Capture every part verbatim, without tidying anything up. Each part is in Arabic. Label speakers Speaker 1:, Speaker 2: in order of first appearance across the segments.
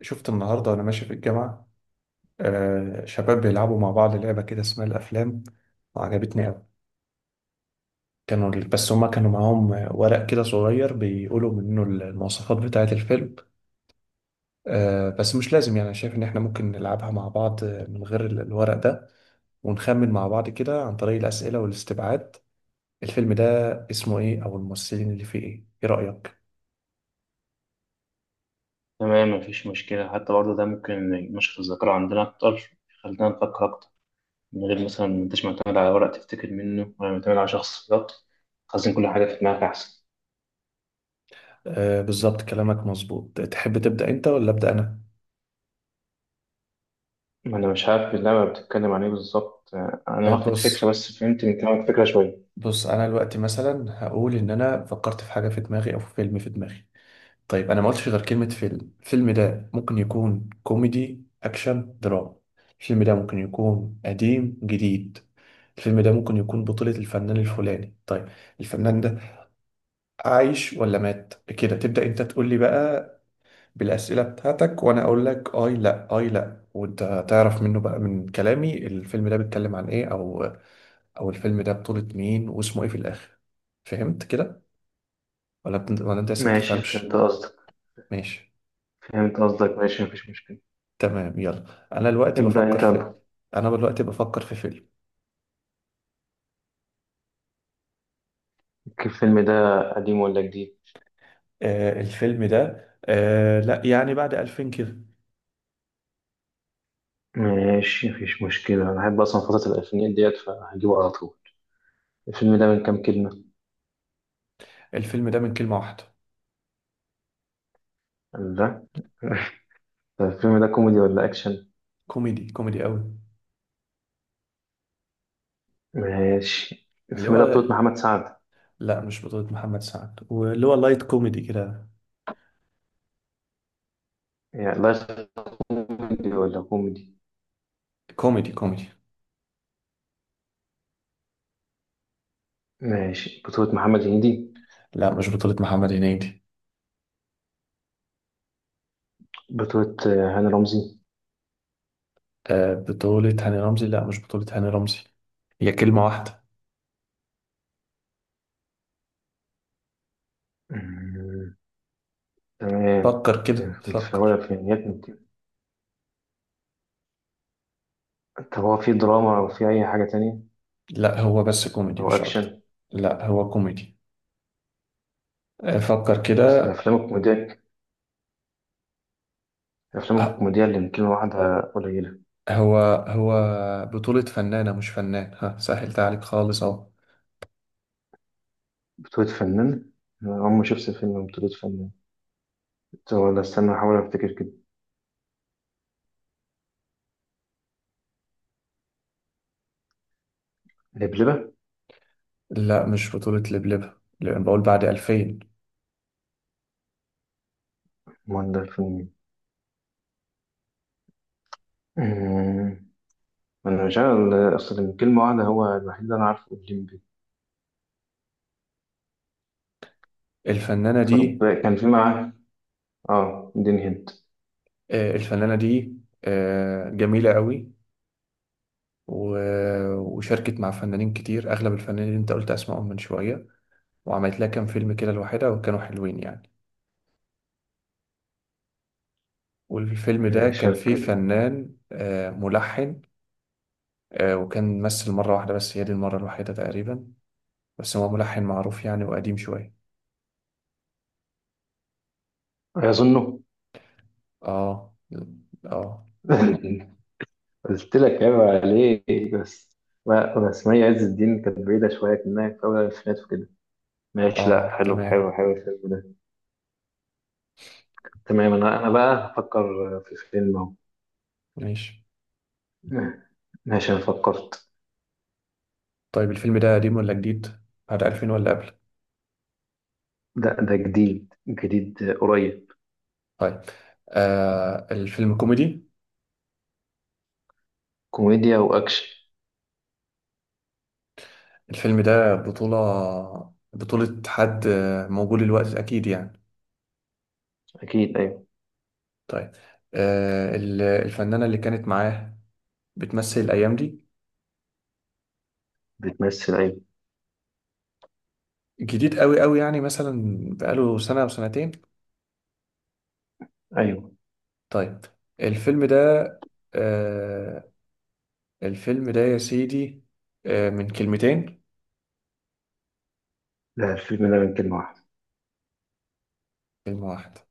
Speaker 1: شفت النهاردة وأنا ماشي في الجامعة، آه شباب بيلعبوا مع بعض لعبة كده اسمها الأفلام. وعجبتني أوي. كانوا بس هما كانوا معاهم ورق كده صغير بيقولوا منه المواصفات بتاعة الفيلم. آه بس مش لازم، يعني أنا شايف إن إحنا ممكن نلعبها مع بعض من غير ال- الورق ده، ونخمن مع بعض كده عن طريق الأسئلة والاستبعاد. الفيلم ده اسمه إيه أو الممثلين اللي فيه إيه إيه رأيك؟
Speaker 2: تمام، مفيش مشكلة. حتى برضه ده ممكن ينشط الذاكرة عندنا أكتر، يخلينا نفكر أكتر، من غير مثلا ما أنتش معتمد على ورق تفتكر منه ولا معتمد على شخص بالظبط. خزن كل حاجة في دماغك أحسن.
Speaker 1: آه، بالظبط، كلامك مظبوط. تحب تبدأ أنت ولا أبدأ أنا؟
Speaker 2: أنا مش عارف اللعبة بتتكلم عن إيه بالظبط. آه، أنا
Speaker 1: آه،
Speaker 2: واخد
Speaker 1: بص
Speaker 2: فكرة، بس فهمت من كلامك فكرة شوية.
Speaker 1: بص، انا دلوقتي مثلا هقول ان انا فكرت في حاجه في دماغي او في فيلم في دماغي. طيب، انا ما قلتش غير كلمه فيلم. الفيلم ده ممكن يكون كوميدي، اكشن، دراما. الفيلم ده ممكن يكون قديم، جديد. الفيلم ده ممكن يكون بطولة الفنان الفلاني. طيب، الفنان ده عايش ولا مات، كده تبدأ انت تقول لي بقى بالأسئلة بتاعتك، وانا اقول لك اي لا اي لا، وانت تعرف منه بقى من كلامي الفيلم ده بيتكلم عن ايه، او او الفيلم ده بطولة مين واسمه ايه في الآخر. فهمت كده؟ ولا بت... ولا انت لسه
Speaker 2: ماشي، فهمت
Speaker 1: بتفهمش؟
Speaker 2: قصدك
Speaker 1: ماشي،
Speaker 2: فهمت قصدك ماشي، مفيش مشكلة.
Speaker 1: تمام. يلا، انا دلوقتي
Speaker 2: ابدأ
Speaker 1: بفكر
Speaker 2: أنت
Speaker 1: في
Speaker 2: يلا.
Speaker 1: انا دلوقتي بفكر في فيلم.
Speaker 2: الفيلم ده قديم ولا جديد؟
Speaker 1: آه، الفيلم ده آه لا، يعني بعد ألفين كده.
Speaker 2: ماشي، مفيش مشكلة. أنا بحب أصلا فترة الألفينيات ديت فهجيبه على طول. الفيلم ده من كام كلمة؟
Speaker 1: الفيلم ده من كلمة واحدة.
Speaker 2: لا. طيب، الفيلم ده كوميدي ولا أكشن؟
Speaker 1: كوميدي، كوميدي قوي.
Speaker 2: ماشي،
Speaker 1: اللي
Speaker 2: الفيلم ده بطولة
Speaker 1: هو،
Speaker 2: محمد سعد.
Speaker 1: لا مش بطولة محمد سعد، واللي هو لايت كوميدي كده.
Speaker 2: يعني لا. كوميدي ولا كوميدي؟
Speaker 1: كوميدي، كوميدي.
Speaker 2: ماشي، بطولة محمد هنيدي.
Speaker 1: لا، مش بطولة محمد هنيدي.
Speaker 2: بطولة آه، هاني رمزي.
Speaker 1: آه، بطولة هاني رمزي؟ لا، مش بطولة هاني رمزي. هي كلمة واحدة.
Speaker 2: مم، تمام.
Speaker 1: فكر كده،
Speaker 2: في
Speaker 1: فكر.
Speaker 2: الفينيات. طب هو في دراما أو في أي حاجة تانية
Speaker 1: لا، هو بس كوميدي
Speaker 2: أو
Speaker 1: مش اكتر.
Speaker 2: أكشن؟
Speaker 1: لا، هو كوميدي. آه، فكر كده.
Speaker 2: أصل الأفلام الكوميدية الأفلام
Speaker 1: آه،
Speaker 2: الكوميدية اللي يمكن واحدة قليلة.
Speaker 1: هو هو بطولة فنانة مش فنان، ها سهلت عليك خالص اهو.
Speaker 2: بطولة فنان؟ أنا عمري ما شفت فيلم بطولة فنان. طب ولا استنى أحاول أفتكر كده. لبلبة؟
Speaker 1: لا، مش بطولة لبلبة، لأن بقول بعد ألفين.
Speaker 2: أمال ده الفيلم مين؟ مم. أنا مش عارف، أصل يمكن كلمة واحدة. هو الوحيد اللي أنا عارفه الليمبي.
Speaker 1: الفنانة
Speaker 2: طب،
Speaker 1: دي
Speaker 2: كان في معاه آه اديني هنت.
Speaker 1: آه، الفنانة دي آه، جميلة قوي. و- وشاركت مع فنانين كتير، أغلب الفنانين اللي أنت قلت أسمائهم من شوية. وعملت لها كام فيلم كده لوحدها، وكانوا حلوين يعني. والفيلم ده كان فيه
Speaker 2: شركة؟
Speaker 1: فنان، آه، ملحن. آه، وكان ممثل مرة واحدة، بس هي دي المرة الوحيدة تقريبا. بس هو ملحن معروف يعني، وقديم شوية.
Speaker 2: أظنه.
Speaker 1: اه، اه،
Speaker 2: قلت لك عيب عليك بس. لا، بس مي عز الدين كانت بعيدة شوية، كأنها في أول الألفينات وكده. ماشي.
Speaker 1: اه،
Speaker 2: لا، حلو حلو
Speaker 1: تمام.
Speaker 2: حلو الفيلم ده. تمام، أنا أنا بقى هفكر في فيلم أهو.
Speaker 1: ماشي.
Speaker 2: ماشي، أنا فكرت.
Speaker 1: طيب، الفيلم ده قديم ولا جديد؟ بعد ألفين ولا قبل؟
Speaker 2: ده ده جديد جديد قريب.
Speaker 1: طيب. آه، الفيلم كوميدي.
Speaker 2: كوميديا وأكشن.
Speaker 1: الفيلم ده بطولة بطولة حد، آه، موجود الوقت أكيد يعني.
Speaker 2: أكيد، أيوه.
Speaker 1: طيب. آه ال- الفنانة اللي كانت معاه بتمثل الأيام دي.
Speaker 2: بتمثل، أيوه.
Speaker 1: جديد قوي قوي يعني، مثلا بقاله سنة أو سنتين.
Speaker 2: أيوه.
Speaker 1: طيب، الفيلم ده آه الفيلم ده يا سيدي آه من كلمتين.
Speaker 2: لا، الفيلم ده من كلمة واحدة.
Speaker 1: كلمة واحدة.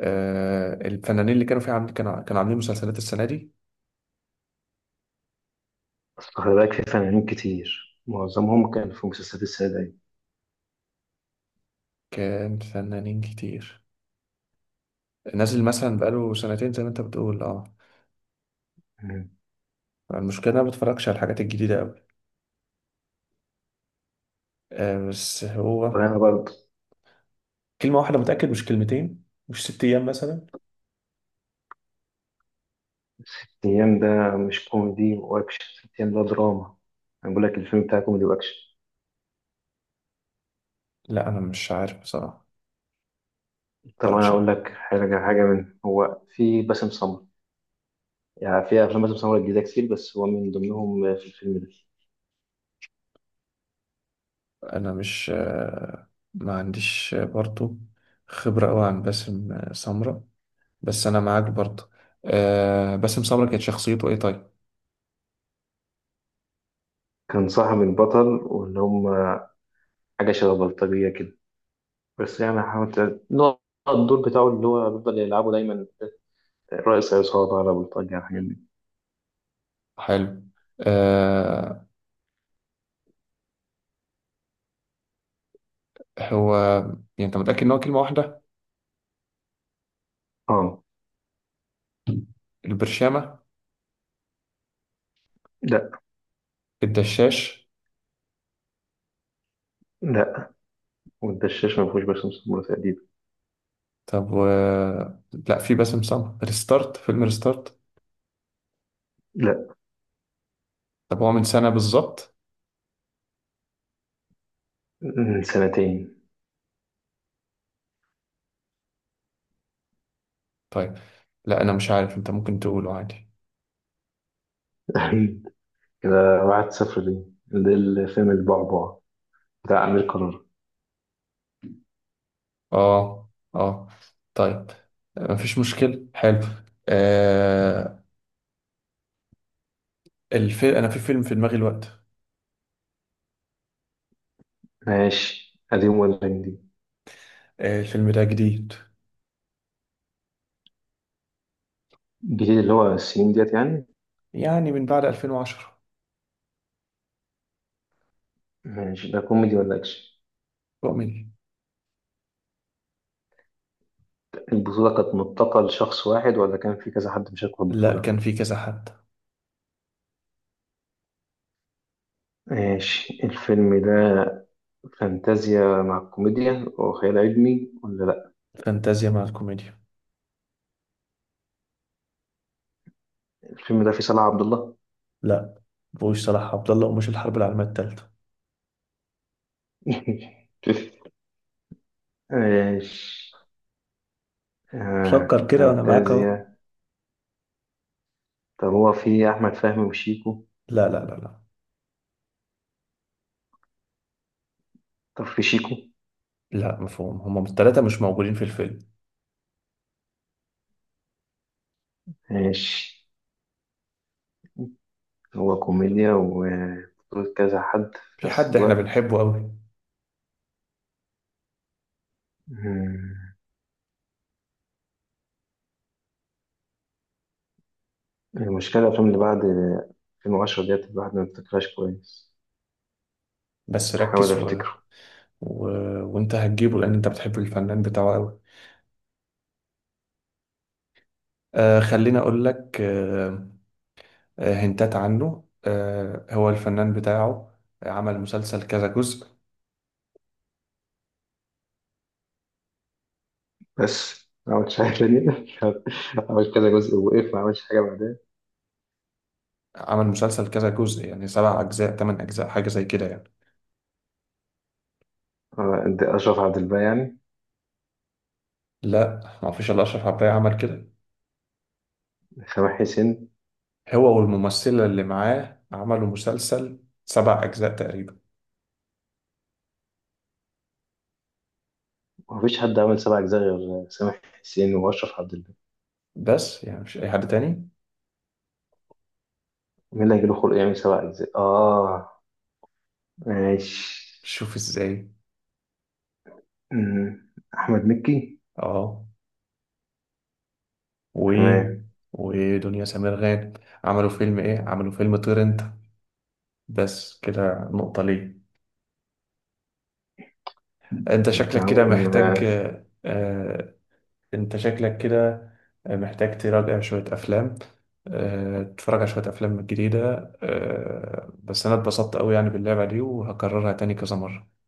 Speaker 1: آه، الفنانين اللي كانوا فيها عاملين، كانوا كانوا عاملين مسلسلات السنة دي.
Speaker 2: بس خلي بالك في فنانين كتير، معظمهم كان في مسلسلات السعودية.
Speaker 1: كان فنانين كتير نازل، مثلا بقاله سنتين زي ما انت بتقول، اه.
Speaker 2: مم.
Speaker 1: المشكلة انا ما بتفرجش على الحاجات الجديدة أوي. آه بس هو
Speaker 2: وأنا برضه.
Speaker 1: كلمة واحدة، متأكد، مش كلمتين. مش ست أيام مثلا.
Speaker 2: الأيام ده مش كوميدي وأكشن، الأيام ده دراما. أنا بقول لك الفيلم بتاعي كوميدي وأكشن.
Speaker 1: لا، أنا مش عارف بصراحة،
Speaker 2: طب أنا
Speaker 1: متفرجش.
Speaker 2: أقول لك حاجة حاجة من هو في باسم سمرة؟ يعني في أفلام باسم سمرة جديدة كتير، بس هو من ضمنهم في الفيلم ده.
Speaker 1: أنا مش آه ما عنديش، آه، برضو خبرة أوي عن باسم آه، سمرة. بس أنا معاك برضو. آه، باسم سمرة كانت شخصيته إيه؟ طيب.
Speaker 2: كان صاحب البطل، واللي هم حاجة شبه بلطجية كده. بس يعني حاولت نوع الدور بتاعه اللي هو بيفضل يلعبه دايما، رئيس عصابة، على بلطجية، على الحاجات دي.
Speaker 1: حلو. آه، هو، يعني انت متأكد ان هو كلمة واحدة؟
Speaker 2: اه.
Speaker 1: البرشامة؟
Speaker 2: لا،
Speaker 1: الدشاش؟
Speaker 2: لا. والدشاش ما فيهوش باسم سمرة تقريبا.
Speaker 1: طب و... لا، في باسم سمرة ريستارت، فيلم ريستارت.
Speaker 2: لا،
Speaker 1: طب هو من سنة بالظبط؟
Speaker 2: من سنتين.
Speaker 1: طيب. لا، انا مش عارف، انت ممكن تقوله عادي.
Speaker 2: كده واحد صفر ليه. ده الفيلم البعبع بتاع أمير قرار.
Speaker 1: اه، اه. طيب، مفيش مشكلة. حلو. آه الفيلم انا في فيلم في دماغي الوقت.
Speaker 2: ماشي، قديم ولا جديد؟
Speaker 1: آه، الفيلم ده جديد،
Speaker 2: الجديد اللي هو السنين ديت يعني.
Speaker 1: يعني من بعد ألفين وعشرة.
Speaker 2: ماشي، ده كوميدي ولا أكشن؟
Speaker 1: كوميدي.
Speaker 2: البطولة كانت متقة لشخص واحد ولا كان في كذا حد مشارك في
Speaker 1: لا،
Speaker 2: البطولة؟
Speaker 1: كان في كذا حد.
Speaker 2: ماشي، الفيلم ده فانتازيا مع الكوميديا وخيال علمي ولا لأ؟
Speaker 1: فانتازيا مع الكوميديا.
Speaker 2: الفيلم ده فيه صلاح عبد الله؟
Speaker 1: لا، بوش صلاح عبد الله ومش الحرب العالمية التالتة.
Speaker 2: ماشي. آه.
Speaker 1: فكر كده وانا معاك اهو.
Speaker 2: فانتازيا. طب هو في أحمد فهمي وشيكو؟
Speaker 1: لا، لا، لا، لا.
Speaker 2: طب في شيكو؟
Speaker 1: لا، مفهوم هما التلاتة مش موجودين في الفيلم.
Speaker 2: ماشي. هو كوميديا وبطولة كذا حد في
Speaker 1: في
Speaker 2: نفس
Speaker 1: حد احنا
Speaker 2: الوقت؟
Speaker 1: بنحبه قوي.
Speaker 2: مم. المشكلة الأفلام اللي بعد ألفين وعشرة ديت الواحد ما بيفتكرهاش كويس.
Speaker 1: بس
Speaker 2: أحاول
Speaker 1: ركز و...
Speaker 2: أفتكره.
Speaker 1: و... وانت هتجيبه لان انت بتحب الفنان بتاعه قوي. آه خليني اقول لك. آه آه، هنتات عنه. آه هو الفنان بتاعه عمل مسلسل كذا جزء
Speaker 2: بس ما عملتش حاجة تانية. عملت كذا جزء ووقف، ما عملتش حاجة بعدها.
Speaker 1: عمل مسلسل كذا جزء يعني سبع اجزاء، تمن اجزاء، حاجة زي كده يعني.
Speaker 2: آه، ده أشرف عبد الباقي يعني.
Speaker 1: لا، ما فيش الا اشرف عباية عمل كده.
Speaker 2: سامح حسين.
Speaker 1: هو والممثلة اللي معاه عملوا مسلسل سبع اجزاء تقريبا.
Speaker 2: مفيش حد عمل سبع أجزاء غير سامح حسين وأشرف عبد الباقي.
Speaker 1: بس يعني مش اي حد تاني.
Speaker 2: مين اللي هيجيله خلق يعمل سبع أجزاء؟ آه ماشي.
Speaker 1: شوف ازاي.
Speaker 2: أمم، أحمد مكي.
Speaker 1: اه. و
Speaker 2: تمام.
Speaker 1: ودنيا سمير غانم، عملوا فيلم ايه، عملوا فيلم طير انت. بس كده، نقطة ليه. انت
Speaker 2: أنت
Speaker 1: شكلك كده محتاج.
Speaker 2: عامل
Speaker 1: آه انت شكلك كده محتاج تراجع شوية افلام. آه تتفرج على شوية افلام جديدة. آه بس انا اتبسطت قوي يعني باللعبة دي، وهكررها تاني كذا مرة.